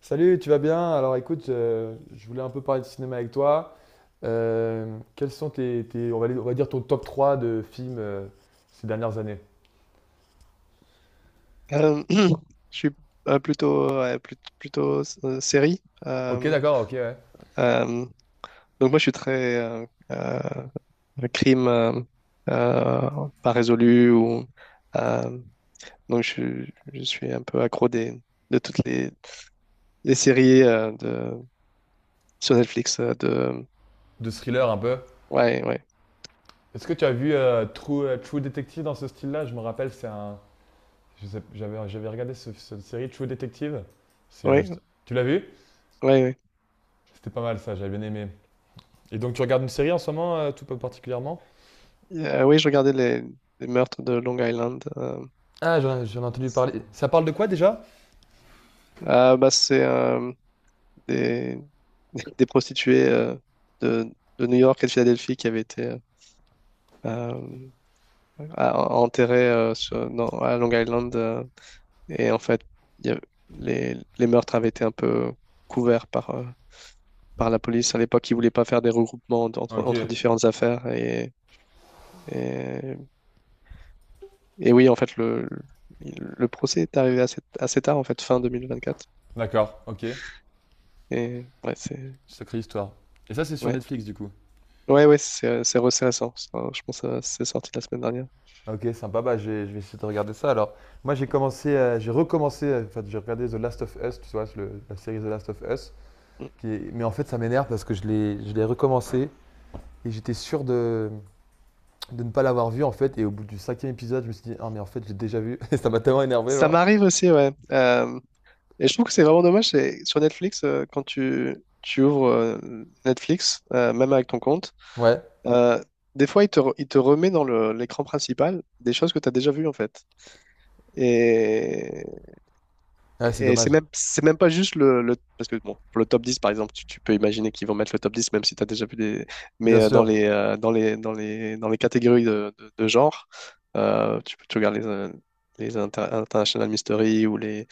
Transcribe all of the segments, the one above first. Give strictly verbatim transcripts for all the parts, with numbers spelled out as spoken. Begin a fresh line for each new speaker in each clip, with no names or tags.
Salut, tu vas bien? Alors écoute, euh, je voulais un peu parler de cinéma avec toi. Euh, quels sont tes, tes- on va, les- on va dire ton top trois de films euh, ces dernières années?
Euh, je suis euh, plutôt, ouais, plut- plutôt, euh, série.
Ok,
Euh,
d'accord, ok, ouais.
euh, donc moi, je suis très euh, euh, crime euh, euh, pas résolu ou euh, donc je, je suis un peu accro des, de toutes les, les séries euh, de sur Netflix euh, de
De thriller un peu.
ouais ouais
Est-ce que tu as vu euh, True, euh, True Detective dans ce style-là? Je me rappelle, c'est un, je sais- j'avais, j'avais regardé ce- cette série True Detective. C'est un-
ouais
tu l'as vu?
ouais, ouais.
C'était pas mal ça, j'avais bien aimé. Et donc tu regardes une série en ce moment, euh, tout particulièrement?
Euh, oui, je regardais les, les meurtres de Long Island. euh.
Ah, j'en j'en ai entendu parler. Ça parle de quoi déjà?
Ah, bah c'est euh, des, des prostituées euh, de, de New York et de Philadelphie qui avaient été euh, euh, à- enterrées euh, sur- dans- à Long Island. Euh, et en fait, il y a- les, les meurtres avaient été un peu couverts par, euh, par la police. À l'époque, ils voulaient pas faire des regroupements entre, entre entre
Ok,
différentes affaires. Et, et, et oui, en fait, le, le procès est arrivé assez, assez tard, en fait, fin deux mille vingt-quatre.
d'accord, ok.
Et ouais, c'est...
Sacrée histoire. Et ça, c'est sur
Ouais.
Netflix, du coup.
Ouais, ouais, c'est c'est- c'est récent. Ça, je pense que c'est sorti la semaine dernière.
Ok, sympa. Bah, je vais, je vais essayer de regarder ça. Alors, moi, j'ai commencé, euh, j'ai recommencé, euh, enfin, j'ai regardé The Last of Us, tu vois, le- la série The Last of Us.
Mm.
qui est- Mais en fait, ça m'énerve parce que je l'ai, je l'ai recommencé et j'étais sûr de, de ne pas l'avoir vu, en fait. Et au bout du cinquième épisode, je me suis dit, ah, mais en fait, j'ai déjà vu. Et ça m'a tellement énervé,
Ça
genre.
m'arrive aussi, ouais. Euh, et je trouve que c'est vraiment dommage. c'est- Sur Netflix, euh, quand tu, tu ouvres euh, Netflix, euh, même avec ton compte,
Ouais,
euh, des fois, il te, re- il te remet dans le- l'écran principal des choses que tu as déjà vues, en fait. Et,
ouais, c'est
et c'est
dommage.
même, c'est même pas juste le, le- parce que, bon, pour le top dix, par exemple, tu, tu peux imaginer qu'ils vont mettre le top dix, même si tu as déjà vu des... Mais
Bien
euh, dans
sûr.
les, euh, dans les, dans les, dans les catégories de, de- de genre, euh, tu peux tu regardes les, euh, les inter- International Mystery ou les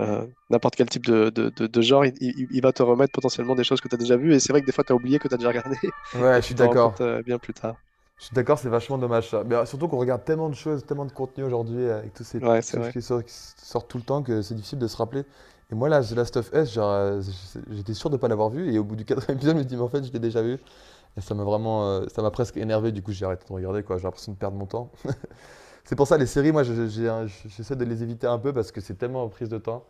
euh, n'importe quel type de, de- de- de genre, il, il- il va te remettre potentiellement des choses que tu as déjà vues. Et c'est vrai que des fois, tu as oublié que tu as déjà regardé
Ouais,
et
je
tu
suis
t'en rends
d'accord.
compte euh, bien plus tard.
Je suis d'accord, c'est vachement dommage ça. Mais euh, surtout qu'on regarde tellement de choses, tellement de contenu aujourd'hui euh, avec tous ces
Ouais, c'est
trucs
vrai.
qui sortent, qui sortent tout le temps que c'est difficile de se rappeler. Et moi là, The Last of Us, genre, euh, j'étais sûr de ne pas l'avoir vu et au bout du quatrième épisode, je me dis mais en fait, je l'ai déjà vu. Et ça m'a vraiment, euh, ça m'a presque énervé. Du coup, j'ai arrêté de regarder quoi. J'ai l'impression de perdre mon temps. C'est pour ça les séries, moi, je- j'ai un- j'essaie de les éviter un peu parce que c'est tellement en prise de temps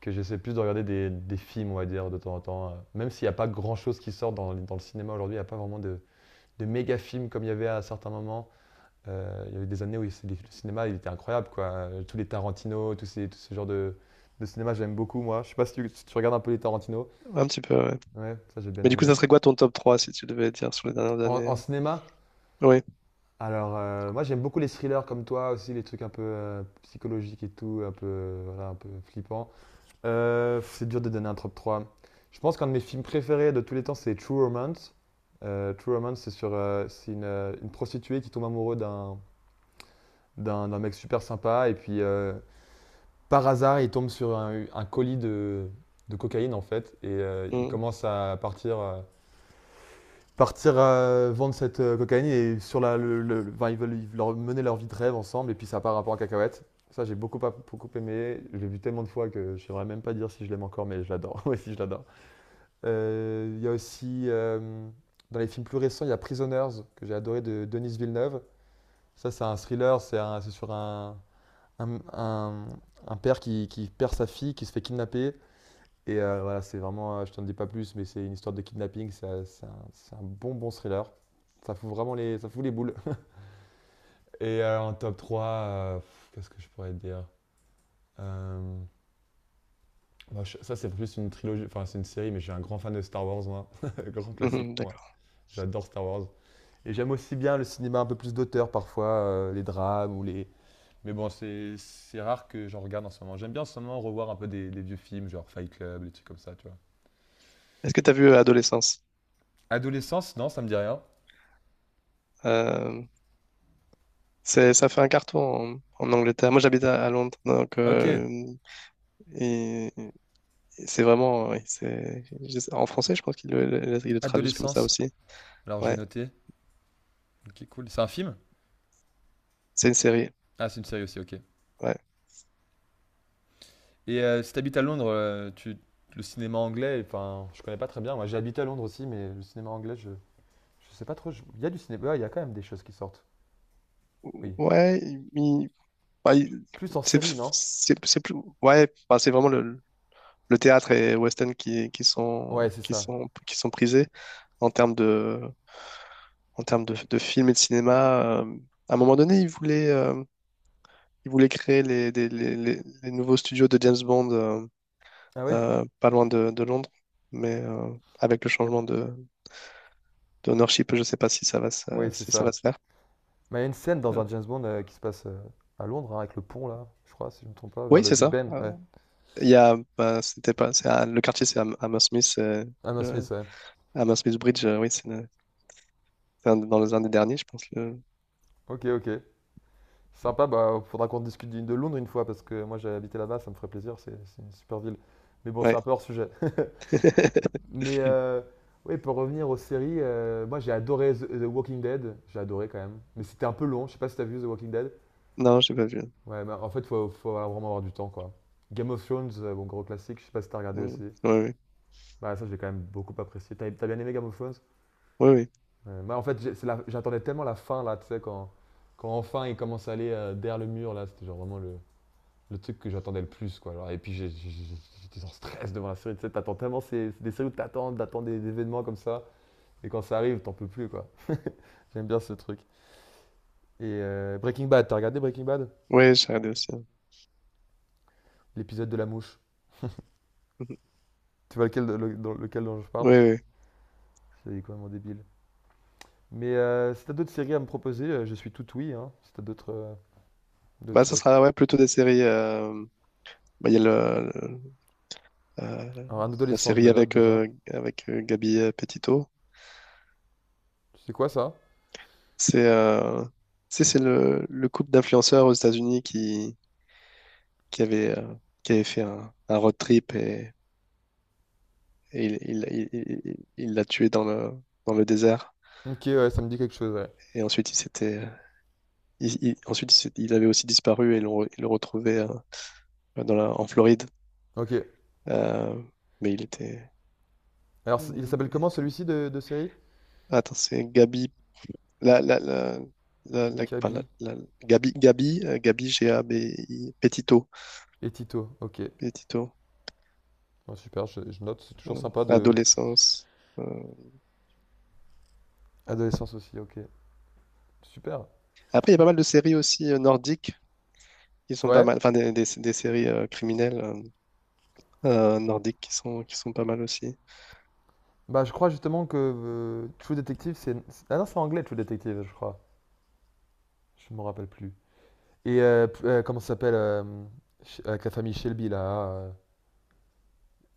que j'essaie plus de regarder des, des films, on va dire, de temps en temps. euh. Même s'il n'y a pas grand chose qui sort dans, dans le cinéma aujourd'hui, il n'y a pas vraiment de, de méga films comme il y avait à certains moments. Euh, il y a eu des années où il- le cinéma il était incroyable, quoi. Euh, Tous les Tarantino, tous ces, tout ce genre de, de cinéma, j'aime beaucoup, moi. Je sais pas si tu, si tu regardes un peu les Tarantino.
Un petit peu, ouais.
Ouais, ça j'ai bien
Mais du coup,
aimé.
ça serait quoi ton top trois si tu devais dire sur les dernières
En,
années?
en cinéma,
Oui.
alors euh, moi j'aime beaucoup les thrillers comme toi aussi, les trucs un peu euh, psychologiques et tout, un peu, euh, voilà, un peu flippants. Euh, pff, c'est dur de donner un top trois. Je pense qu'un de mes films préférés de tous les temps, c'est True Romance. Euh, True Romance, c'est sur euh, c'est une, euh, une prostituée qui tombe amoureuse d'un d'un d'un mec super sympa et puis euh, par hasard, il tombe sur un, un colis de, de cocaïne en fait et euh, il
Mm.
commence à partir euh, partir euh, vendre cette euh, cocaïne et sur la le, le- le- enfin, ils veulent, ils leur- mener leur vie de rêve ensemble et puis ça part un peu en cacahuète. Ça j'ai beaucoup beaucoup aimé, je l'ai vu tellement de fois que je ne saurais même pas dire si je l'aime encore mais je l'adore. Ouais, si je l'adore. Euh, il y a aussi euh, dans les films plus récents, il y a Prisoners que j'ai adoré de Denis Villeneuve. Ça c'est un thriller, c'est c'est sur un un, un- un père qui, qui perd sa fille, qui se fait kidnapper et euh, voilà, c'est vraiment, euh, je t'en dis pas plus, mais c'est une histoire de kidnapping, c'est un, c'est un bon bon thriller. Ça fout vraiment les, ça fout les boules. Et euh, en top trois euh, qu'est-ce que je pourrais te dire? Euh, bah, je- Ça, c'est plus une trilogie, enfin, c'est une série, mais je suis un grand fan de Star Wars, moi. Grand classique
Mhm,
pour moi.
d'accord.
J'adore Star Wars. Et j'aime aussi bien le cinéma un peu plus d'auteur parfois, euh, les drames ou les. Mais bon, c'est c'est rare que j'en regarde en ce moment. J'aime bien en ce moment revoir un peu des, des vieux films, genre Fight Club, des trucs comme ça, tu vois.
Est-ce que tu as vu euh, Adolescence?
Adolescence, non, ça me dit rien.
Euh, c'est, ça fait un carton en, en Angleterre. Moi, j'habite à, à Londres. Donc,
Ok,
euh, et, et c'est vraiment. Oui, c'est, je sais- en français, je pense qu'ils le, le- le- ils le traduisent comme ça
Adolescence.
aussi.
Alors, je vais
Ouais.
noter. Ok, cool. C'est un film?
C'est une série.
Ah, c'est une série aussi, ok.
Ouais.
Et euh, si t'habites à Londres, euh, tu, le cinéma anglais, enfin, je connais pas très bien. Moi, j'ai habité à Londres aussi, mais le cinéma anglais, je, je sais pas trop. Je- Il y a du cinéma, ouais, il y a quand même des choses qui sortent. Oui.
Ouais, il- bah, il-
Plus en
c'est
série, non?
c'est- c'est plus ouais bah, c'est vraiment le, le théâtre et West End qui, qui
Ouais,
sont
c'est
qui
ça.
sont qui sont prisés en termes de en termes de, de films et de cinéma. Euh, à un moment donné, ils voulaient euh, ils voulaient créer les, des- les, les- les nouveaux studios de James Bond, euh,
Ah ouais?
euh, pas loin de, de Londres, mais euh, avec le changement de d'ownership, je sais pas si ça va se,
Oui, c'est
si ça va
ça.
se faire.
Mais il y a une scène dans
Euh,
un James Bond euh, qui se passe euh, à Londres, hein, avec le pont là, je crois, si je me trompe pas, vers
oui,
le
c'est
Big
ça.
Ben.
Euh,
Ouais.
il y a bah, c'était pas c'est à- le quartier c'est à, à Hammersmith.
Hammer Smith, ouais.
Ah, Mansfield Bridge, euh, oui, c'est le- c'est un- dans les un des derniers, je pense. Le...
Ok, ok. Sympa, bah faudra qu'on discute de Londres une fois parce que moi j'ai habité là-bas, ça me ferait plaisir, c'est c'est une super ville. Mais bon, c'est un
Ouais.
peu hors sujet. Mais euh, oui, pour revenir aux séries, euh, moi j'ai adoré The The Walking Dead, j'ai adoré quand même. Mais c'était un peu long, je sais pas si t'as vu The Walking Dead.
Non, j'ai pas vu.
Ouais, bah, en fait, faut, faut vraiment avoir du temps quoi. Game of Thrones, euh, bon gros classique, je sais pas si t'as regardé aussi.
Mm. Ouais, oui,
Bah ça j'ai quand même beaucoup apprécié. T'as t'as bien aimé Game of Thrones?
oui, oui.
Euh, moi en fait, j'ai- c'est la- j'attendais tellement la fin là, tu sais, quand, quand enfin il commence à aller euh, derrière le mur là, c'était genre vraiment le, le truc que j'attendais le plus. Quoi. Genre, et puis j'étais en stress devant la série. Tu sais, t'attends tellement ces, des séries où t'attends, t'attends des, des événements comme ça. Et quand ça arrive, t'en peux plus. Quoi. J'aime bien ce truc. Et euh, Breaking Bad, t'as regardé Breaking Bad?
Ouais, j'ai regardé aussi.
L'épisode de la mouche. Tu vois lequel, le- dans lequel dont je
Oui,
parle?
oui.
C'est complètement débile. Mais euh, si t'as d'autres séries à me proposer, euh, je suis tout oui. Hein. Si t'as d'autres. euh,
Bah, ça
d'autres...
sera ouais, plutôt des séries. Euh, bah, il y a le, le- euh,
Alors, un
la
adolescent, je
série
le note
avec,
déjà.
euh, avec euh, Gabi euh, Petito.
C'est quoi ça?
C'est euh, tu c'est le, le couple d'influenceurs aux États-Unis qui, qui, avait, euh, qui avait fait un, un road trip, et, et il il- il- il- il l'a tué dans le, dans le désert.
Ok, ouais, ça me dit quelque chose, ouais.
Et ensuite, il s'était il- il- ensuite, c'est- il avait aussi disparu et l'on re- ils le retrouvait euh, euh, dans la- en Floride.
Ok.
Euh, mais il était.
Alors, il s'appelle
il-
comment celui-ci de, de série?
Attends, c'est Gabi. La, la, la, la, la- enfin, la-
Kaby
la- Gabi, Gabi, euh, Gabi, G-A-B-I, Petito.
et Tito. Ok.
Petito.
Ouais, super, je, je note, c'est toujours
euh,
sympa de...
Adolescence. euh.
Adolescence aussi, ok. Super.
Après, il y a pas mal de séries aussi euh, nordiques qui sont pas
Ouais.
mal. Enfin, des, des, des séries euh, criminelles, euh, euh, nordiques qui sont, qui sont pas mal aussi.
Bah, je crois justement que euh, True Detective, c'est... c'est- ah non, c'est anglais, True Detective, je crois. Je me rappelle plus. Et euh, p- euh, comment ça s'appelle euh, Sh- avec la famille Shelby, là. euh,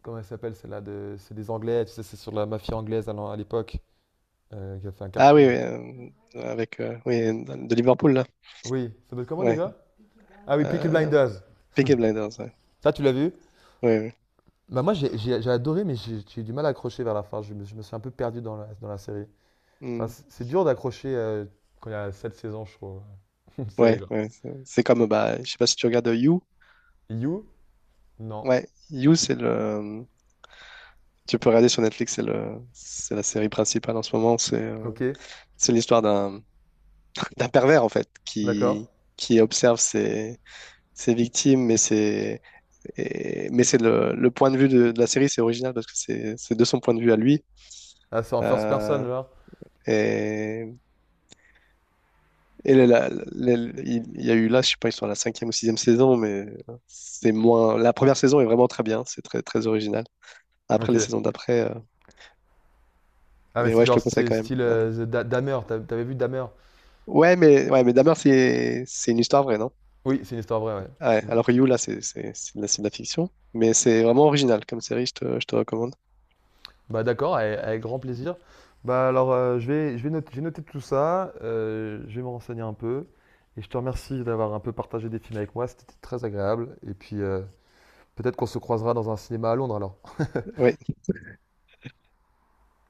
comment elle s'appelle, celle-là de... C'est des Anglais, tu sais, c'est sur la mafia anglaise à l'en- à l'époque, euh, qui a fait un
Ah oui,
carton.
oui, euh, avec euh, oui, de Liverpool, là.
Oui, ça doit comment
Ouais.
déjà? Ah oui, Peaky
Euh,
Blinders.
Peaky Blinders. Ouais.
Ça, tu l'as vu?
Ouais, ouais,
Bah moi, j'ai j'ai- j'ai adoré, mais j'ai j'ai eu du mal à accrocher vers la fin. Je me, je me suis un peu perdu dans la, dans la série. Enfin,
mm.
c- c'est dur d'accrocher euh, quand il y a sept saisons, je trouve, une série,
Ouais,
là.
ouais, c'est c'est comme, bah, je sais pas si tu regardes euh, You.
You? Non.
Ouais, You, c'est le. Tu peux regarder sur Netflix, c'est le, c'est la série principale en ce moment. C'est, euh,
Ok,
c'est l'histoire d'un, d'un pervers, en fait,
d'accord.
qui, qui observe ses, ses victimes, mais c'est, et- mais c'est le, le point de vue de, de la série, c'est original parce que c'est, c'est de son point de vue à lui.
Ah, c'est en first person,
Euh,
genre.
et Et la- la- la- il il y a eu là, je sais pas, ils sont à la cinquième ou sixième saison, mais c'est moins. La première saison est vraiment très bien, c'est très très original. Après
Ok.
les saisons d'après, euh,
Ah, mais
mais
c'est
ouais, je te
genre
le conseille
c'est
quand même.
style euh, The Da- Dahmer. T'as- T'avais vu Dahmer?
Ouais, mais ouais, mais Dahmer, c'est c'est une histoire vraie, non?
Oui, c'est une histoire vraie, ouais.
Ouais.
Mm.
Alors que You là, c'est c'est c'est de la, c'est de la fiction, mais c'est vraiment original comme série, je te je te recommande.
Bah, d'accord, avec, avec grand plaisir. Bah, alors, euh, je vais, je vais noter, j'ai noté tout ça. euh, je vais me renseigner un peu. Et je te remercie d'avoir un peu partagé des films avec moi. C'était très agréable. Et puis, euh, peut-être qu'on se croisera dans un cinéma à Londres, alors.
Mhm. Ouais.